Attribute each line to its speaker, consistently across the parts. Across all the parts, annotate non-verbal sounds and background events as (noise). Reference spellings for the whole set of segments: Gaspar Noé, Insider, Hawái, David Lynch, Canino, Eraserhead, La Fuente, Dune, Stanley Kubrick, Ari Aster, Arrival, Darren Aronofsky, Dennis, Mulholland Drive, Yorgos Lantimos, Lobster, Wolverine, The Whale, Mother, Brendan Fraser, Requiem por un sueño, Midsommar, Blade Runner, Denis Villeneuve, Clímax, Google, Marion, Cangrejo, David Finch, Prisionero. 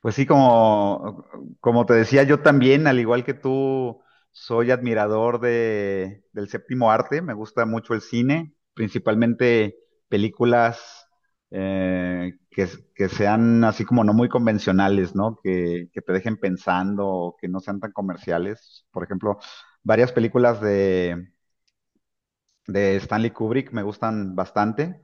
Speaker 1: Pues sí, como, como te decía, yo también, al igual que tú, soy admirador de, del séptimo arte. Me gusta mucho el cine, principalmente películas eh, que, que sean así como no muy convencionales, ¿no? Que te dejen pensando, o que no sean tan comerciales. Por ejemplo, varias películas de Stanley Kubrick me gustan bastante.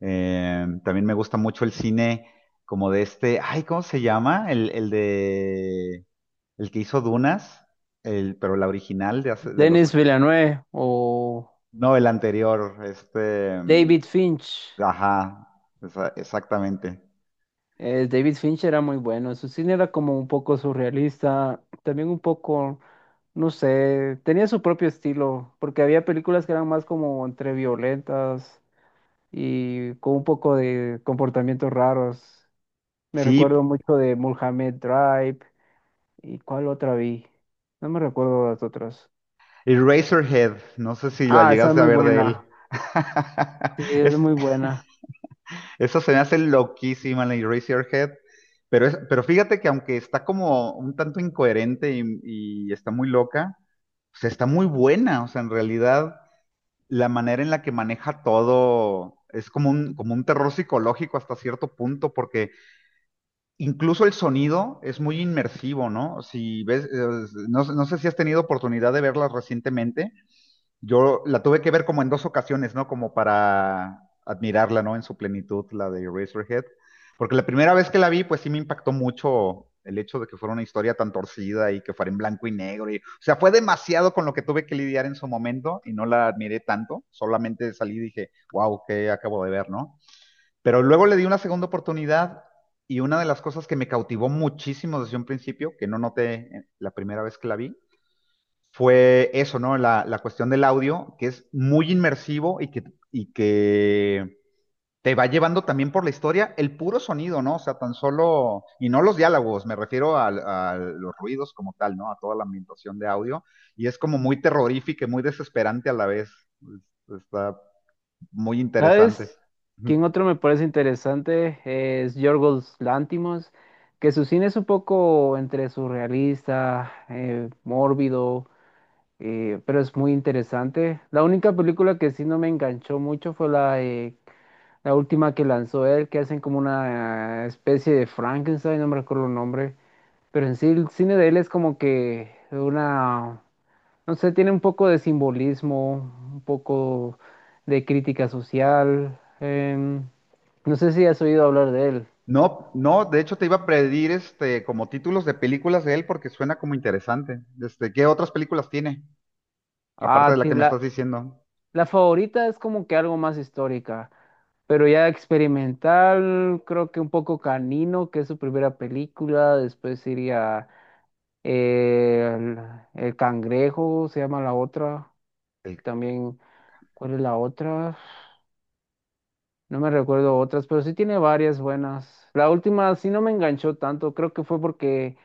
Speaker 1: También me gusta mucho el cine como de este, ay, ¿cómo se llama? El de, el que hizo Dunas, el, pero la original de hace, de los
Speaker 2: Denis
Speaker 1: ocho.
Speaker 2: Villeneuve o
Speaker 1: No, el anterior, este,
Speaker 2: David Finch.
Speaker 1: ajá, exactamente.
Speaker 2: David Finch era muy bueno. Su cine era como un poco surrealista, también un poco, no sé, tenía su propio estilo, porque había películas que eran más como entre violentas y con un poco de comportamientos raros. Me recuerdo
Speaker 1: Sí,
Speaker 2: mucho de Mulholland Drive y cuál otra vi. No me recuerdo las otras.
Speaker 1: Eraserhead, no sé si la
Speaker 2: Ah, esa es
Speaker 1: llegaste a
Speaker 2: muy
Speaker 1: ver de él.
Speaker 2: buena. Sí,
Speaker 1: (laughs)
Speaker 2: es
Speaker 1: Es,
Speaker 2: muy buena.
Speaker 1: eso se me hace loquísima la Eraserhead. Pero, pero fíjate que aunque está como un tanto incoherente y está muy loca, o sea, está muy buena. O sea, en realidad la manera en la que maneja todo es como un terror psicológico hasta cierto punto, porque incluso el sonido es muy inmersivo, ¿no? Si ves, no, no sé si has tenido oportunidad de verlas recientemente. Yo la tuve que ver como en dos ocasiones, ¿no? Como para admirarla, ¿no? En su plenitud, la de Eraserhead. Porque la primera vez que la vi, pues sí me impactó mucho el hecho de que fuera una historia tan torcida y que fuera en blanco y negro. Y, o sea, fue demasiado con lo que tuve que lidiar en su momento y no la admiré tanto. Solamente salí y dije, wow, ¿qué acabo de ver, no? Pero luego le di una segunda oportunidad y una de las cosas que me cautivó muchísimo desde un principio, que no noté la primera vez que la vi, fue eso, ¿no? La cuestión del audio, que es muy inmersivo y que te va llevando también por la historia el puro sonido, ¿no? O sea, tan solo, y no los diálogos, me refiero a los ruidos como tal, ¿no? A toda la ambientación de audio, y es como muy terrorífica y muy desesperante a la vez. Está muy interesante.
Speaker 2: ¿Sabes? ¿Quién otro me parece interesante? Es Yorgos Lantimos, que su cine es un poco entre surrealista, mórbido, pero es muy interesante. La única película que sí no me enganchó mucho fue la última que lanzó él, que hacen como una especie de Frankenstein, no me recuerdo el nombre, pero en sí el cine de él es como que una... No sé, tiene un poco de simbolismo, un poco de crítica social. No sé si has oído hablar de él.
Speaker 1: No, no, de hecho te iba a pedir este como títulos de películas de él porque suena como interesante. Este, ¿qué otras películas tiene? Aparte de
Speaker 2: Ah,
Speaker 1: la que
Speaker 2: ti-
Speaker 1: me
Speaker 2: la,
Speaker 1: estás diciendo.
Speaker 2: la favorita es como que algo más histórica, pero ya experimental, creo que un poco Canino, que es su primera película. Después iría eh, el, el Cangrejo, se llama la otra.
Speaker 1: El.
Speaker 2: También, ¿cuál es la otra? No me recuerdo otras, pero sí tiene varias buenas. La última sí no me enganchó tanto, creo que fue porque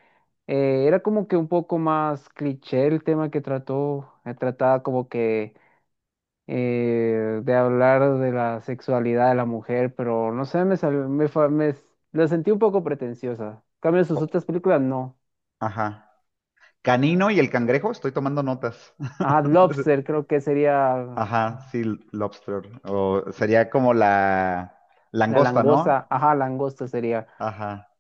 Speaker 2: era como que un poco más cliché el tema que trató. Trataba como que de hablar de la sexualidad de la mujer, pero no sé, me, sal- me, fa- me s- la sentí un poco pretenciosa. En cambio, sus
Speaker 1: O-
Speaker 2: otras películas no.
Speaker 1: Ajá. Canino y el cangrejo, estoy tomando notas.
Speaker 2: Ajá,
Speaker 1: (laughs)
Speaker 2: Lobster creo que sería
Speaker 1: Ajá, sí, lobster. O sería como la
Speaker 2: la
Speaker 1: langosta, ¿no?
Speaker 2: langosta. Ajá, langosta sería.
Speaker 1: Ajá.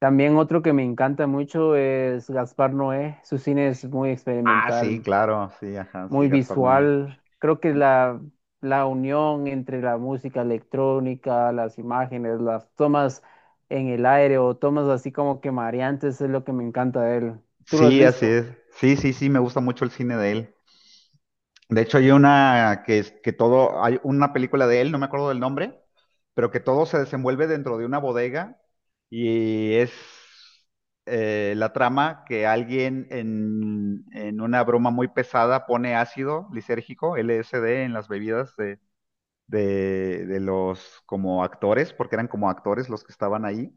Speaker 2: También otro que me encanta mucho es Gaspar Noé. Su cine es muy
Speaker 1: Ah, sí,
Speaker 2: experimental,
Speaker 1: claro, sí, ajá, sí,
Speaker 2: muy
Speaker 1: Gaspar Noé.
Speaker 2: visual. Creo que la unión entre la música electrónica, las imágenes, las tomas en el aire o tomas así como que mareantes es lo que me encanta de él. ¿Tú lo has
Speaker 1: Sí, así
Speaker 2: visto?
Speaker 1: es. Sí, sí, sí, me gusta mucho el cine de él. De hecho, hay una que es que todo, hay una película de él, no me acuerdo del nombre, pero que todo se desenvuelve dentro de una bodega y es la trama que alguien en una broma muy pesada pone ácido lisérgico, LSD, en las bebidas de los como actores, porque eran como actores los que estaban ahí.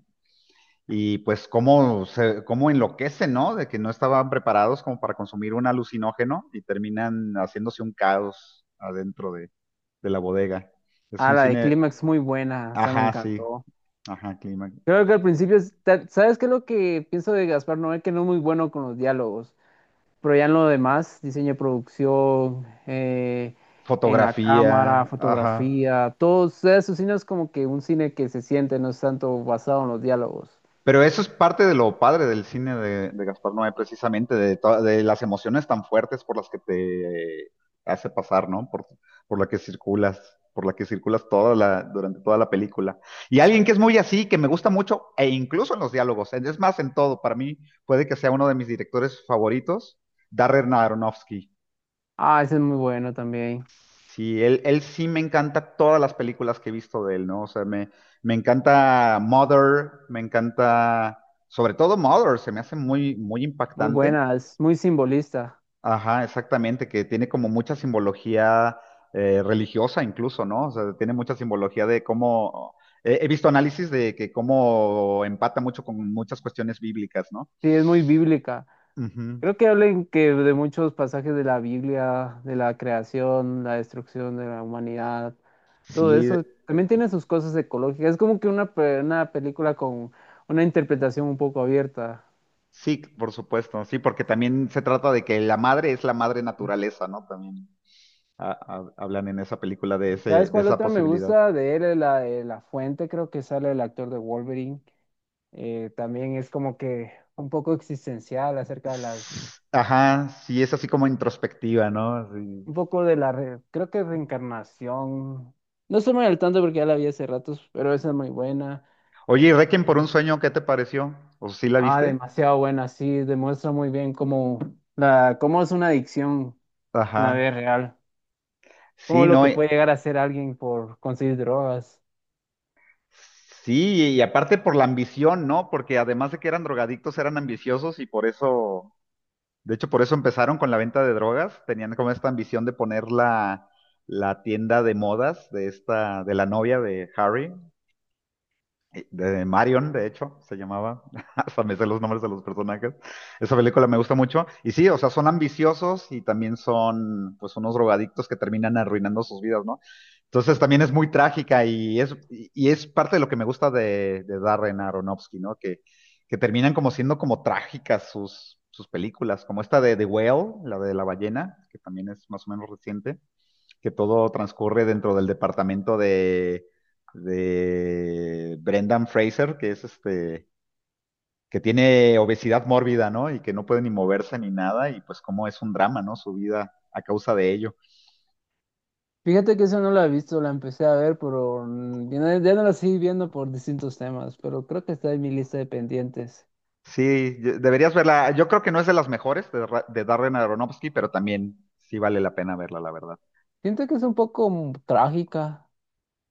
Speaker 1: Y pues cómo, se, cómo enloquece, ¿no? De que no estaban preparados como para consumir un alucinógeno y terminan haciéndose un caos adentro de la bodega. Es
Speaker 2: Ah,
Speaker 1: un
Speaker 2: la de
Speaker 1: cine,
Speaker 2: Clímax muy buena, esa me
Speaker 1: ajá, sí,
Speaker 2: encantó.
Speaker 1: ajá, clima,
Speaker 2: Creo que al
Speaker 1: sí, también.
Speaker 2: principio, ¿sabes qué es lo que pienso de Gaspar Noé? Que no es muy bueno con los diálogos. Pero ya en lo demás, diseño de producción, en la cámara,
Speaker 1: Fotografía, ajá.
Speaker 2: fotografía, todo eso, cine es como que un cine que se siente, no es tanto basado en los diálogos.
Speaker 1: Pero eso es parte de lo padre del cine de Gaspar Noé, precisamente, de, de las emociones tan fuertes por las que te hace pasar, ¿no? Por la que circulas, por la que circulas toda la, durante toda la película. Y alguien que es muy así, que me gusta mucho, e incluso en los diálogos, es más, en todo, para mí puede que sea uno de mis directores favoritos, Darren Aronofsky.
Speaker 2: Ah, ese es muy bueno también,
Speaker 1: Sí, él sí me encanta todas las películas que he visto de él, ¿no? O sea, me encanta Mother, me encanta, sobre todo Mother, se me hace muy, muy
Speaker 2: muy
Speaker 1: impactante.
Speaker 2: buena, es muy simbolista,
Speaker 1: Ajá, exactamente, que tiene como mucha simbología religiosa incluso, ¿no? O sea, tiene mucha simbología de cómo, he, he visto análisis de que cómo empata mucho con muchas cuestiones bíblicas, ¿no?
Speaker 2: sí, es muy bíblica.
Speaker 1: Ujú.
Speaker 2: Creo que hablen que de muchos pasajes de la Biblia, de la creación, la destrucción de la humanidad, todo
Speaker 1: Sí,
Speaker 2: eso. También tiene sus cosas ecológicas. Es como que una película con una interpretación un poco abierta.
Speaker 1: sí, por supuesto, sí, porque también se trata de que la madre es la madre naturaleza, ¿no? También. Hablan en esa película de ese,
Speaker 2: ¿Sabes
Speaker 1: de
Speaker 2: cuál
Speaker 1: esa
Speaker 2: otra me
Speaker 1: posibilidad.
Speaker 2: gusta de él? La de La Fuente, creo que sale el actor de Wolverine. También es como que un poco existencial acerca de las,
Speaker 1: Ajá, sí, es así como introspectiva, ¿no? Sí.
Speaker 2: un poco de creo que reencarnación. No estoy muy al tanto porque ya la vi hace ratos, pero esa es muy buena.
Speaker 1: Oye, ¿y Requiem por un sueño, qué te pareció? ¿O sí la
Speaker 2: Ah,
Speaker 1: viste?
Speaker 2: demasiado buena, sí, demuestra muy bien cómo, cómo es una adicción en la
Speaker 1: Ajá.
Speaker 2: vida real, cómo
Speaker 1: Sí,
Speaker 2: lo
Speaker 1: no.
Speaker 2: que puede llegar a ser alguien por conseguir drogas.
Speaker 1: Sí, y aparte por la ambición, ¿no? Porque además de que eran drogadictos, eran ambiciosos y por eso, de hecho, por eso empezaron con la venta de drogas. Tenían como esta ambición de poner la, la tienda de modas de esta, de la novia de Harry, de Marion, de hecho, se llamaba, (laughs) hasta me sé los nombres de los personajes. Esa película me gusta mucho. Y sí, o sea, son ambiciosos y también son, pues, unos drogadictos que terminan arruinando sus vidas, ¿no? Entonces también es muy trágica y es parte de lo que me gusta de Darren Aronofsky, ¿no? Que terminan como siendo como trágicas sus, sus películas, como esta de The Whale, la de la ballena, que también es más o menos reciente, que todo transcurre dentro del departamento de Brendan Fraser, que es este, que tiene obesidad mórbida, ¿no? Y que no puede ni moverse ni nada, y pues cómo es un drama, ¿no? Su vida a causa de ello.
Speaker 2: Fíjate que esa no la he visto, la empecé a ver, pero ya no, ya no la seguí viendo por distintos temas, pero creo que está en mi lista de pendientes.
Speaker 1: Sí, deberías verla. Yo creo que no es de las mejores de, de Darren Aronofsky, pero también sí vale la pena verla, la verdad.
Speaker 2: Siento que es un poco trágica,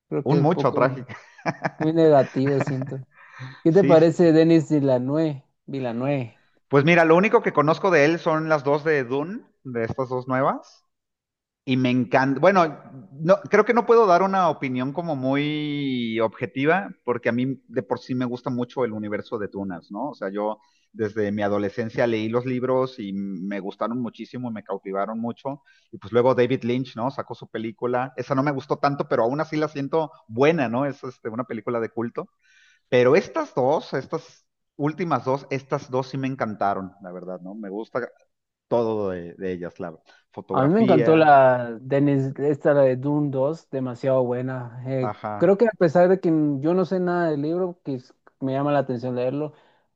Speaker 2: creo que
Speaker 1: Un
Speaker 2: un
Speaker 1: mucho
Speaker 2: poco
Speaker 1: trágico.
Speaker 2: muy negativo, siento.
Speaker 1: (laughs)
Speaker 2: ¿Qué te
Speaker 1: Sí, sí.
Speaker 2: parece Denis Villeneuve? Villeneuve.
Speaker 1: Pues mira, lo único que conozco de él son las dos de Dune, de estas dos nuevas. Y me encanta, bueno, no, creo que no puedo dar una opinión como muy objetiva, porque a mí de por sí me gusta mucho el universo de Tunas, ¿no? O sea, yo desde mi adolescencia leí los libros y me gustaron muchísimo, me cautivaron mucho. Y pues luego David Lynch, ¿no? Sacó su película. Esa no me gustó tanto, pero aún así la siento buena, ¿no? Es este, una película de culto. Pero estas dos, estas últimas dos, estas dos sí me encantaron, la verdad, ¿no? Me gusta todo de ellas, la
Speaker 2: A mí me encantó
Speaker 1: fotografía,
Speaker 2: la Dennis, esta la de Dune 2, demasiado buena.
Speaker 1: ajá,
Speaker 2: Creo que a pesar de que yo no sé nada del libro, me llama la atención leerlo,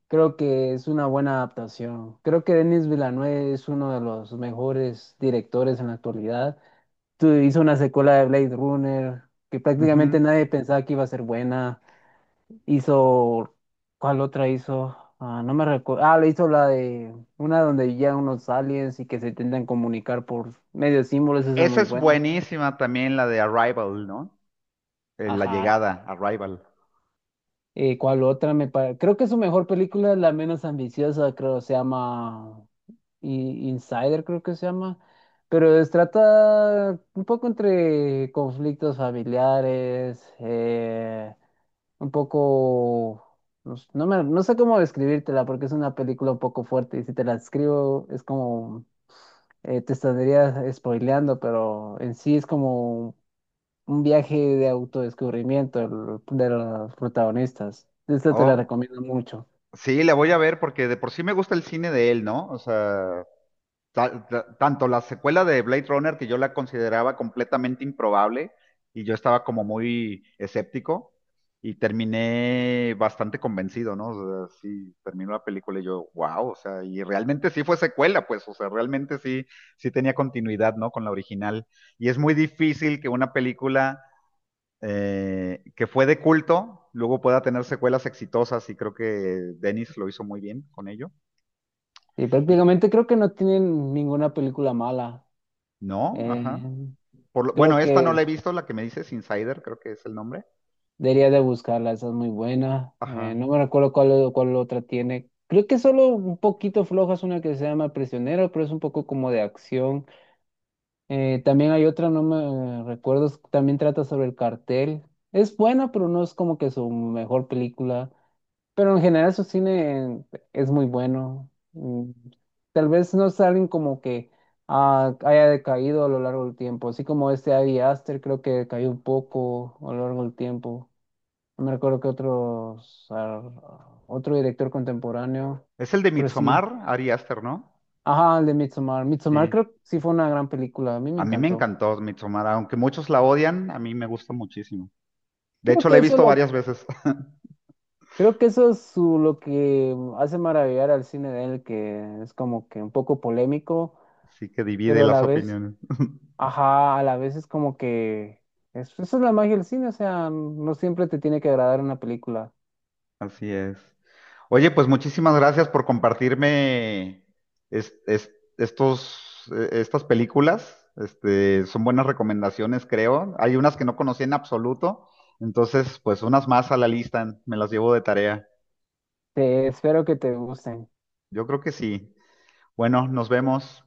Speaker 2: creo que es una buena adaptación. Creo que Denis Villeneuve es uno de los mejores directores en la actualidad. Hizo una secuela de Blade Runner que
Speaker 1: ujú.
Speaker 2: prácticamente nadie pensaba que iba a ser buena. Hizo, ¿cuál otra hizo? Ah, no me recuerdo. Ah, le hizo la de una donde ya unos aliens y que se intentan comunicar por medio de símbolos, esa es
Speaker 1: Esa
Speaker 2: muy
Speaker 1: es
Speaker 2: buena.
Speaker 1: buenísima también, la de Arrival, ¿no? La
Speaker 2: Ajá.
Speaker 1: llegada, Arrival.
Speaker 2: ¿Cuál otra me parece? Creo que su mejor película es la menos ambiciosa, creo, se llama Insider, creo que se llama. Pero trata un poco entre conflictos familiares, un poco, no sé cómo describírtela porque es una película un poco fuerte y si te la describo es como, te estaría spoileando, pero en sí es como un viaje de autodescubrimiento de los protagonistas. Esta te la
Speaker 1: Oh,
Speaker 2: recomiendo mucho.
Speaker 1: sí, la voy a ver porque de por sí me gusta el cine de él, ¿no? O sea, tanto la secuela de Blade Runner, que yo la consideraba completamente improbable, y yo estaba como muy escéptico, y terminé bastante convencido, ¿no? O sea, sí, terminó la película y yo, wow, o sea, y realmente sí fue secuela, pues, o sea, realmente sí, sí tenía continuidad, ¿no? Con la original. Y es muy difícil que una película que fue de culto luego pueda tener secuelas exitosas, y creo que Dennis lo hizo muy bien con ello.
Speaker 2: Y
Speaker 1: Y,
Speaker 2: prácticamente creo que no tienen ninguna película mala.
Speaker 1: ¿no?
Speaker 2: Eh,
Speaker 1: Ajá. Bueno,
Speaker 2: Creo
Speaker 1: esta no la he
Speaker 2: que...
Speaker 1: visto, la que me dices Insider, creo que es el nombre.
Speaker 2: Debería de buscarla, esa es muy buena.
Speaker 1: Ajá.
Speaker 2: No me recuerdo cuál, cuál otra tiene. Creo que solo un poquito floja es una que se llama Prisionero, pero es un poco como de acción. También hay otra, no me recuerdo, también trata sobre el cartel. Es buena, pero no es como que su mejor película. Pero en general su cine es muy bueno. Tal vez no es alguien como que haya decaído a lo largo del tiempo. Así como este Ari Aster creo que decayó un poco a lo largo del tiempo. No recuerdo que otro director contemporáneo,
Speaker 1: Es el de
Speaker 2: pero sí.
Speaker 1: Midsommar, Ari Aster, ¿no?
Speaker 2: Ajá, el de Midsommar. Midsommar
Speaker 1: Sí.
Speaker 2: creo que sí fue una gran película, a mí me
Speaker 1: A mí me
Speaker 2: encantó.
Speaker 1: encantó Midsommar, aunque muchos la odian, a mí me gusta muchísimo. De
Speaker 2: Creo
Speaker 1: hecho, la
Speaker 2: que
Speaker 1: he
Speaker 2: eso
Speaker 1: visto
Speaker 2: lo,
Speaker 1: varias veces, (laughs)
Speaker 2: creo que eso es lo que hace maravillar al cine de él, que es como que un poco polémico,
Speaker 1: así que divide
Speaker 2: pero a la
Speaker 1: las
Speaker 2: vez,
Speaker 1: opiniones. (laughs)
Speaker 2: ajá, a la vez es como que esa es la magia del cine, o sea, no siempre te tiene que agradar una película.
Speaker 1: Así es. Oye, pues muchísimas gracias por compartirme es- es- estos, estas películas. Este, son buenas recomendaciones, creo. Hay unas que no conocía en absoluto, entonces, pues unas más a la lista, me las llevo de tarea.
Speaker 2: Te espero que te gusten.
Speaker 1: Yo creo que sí. Bueno, nos vemos.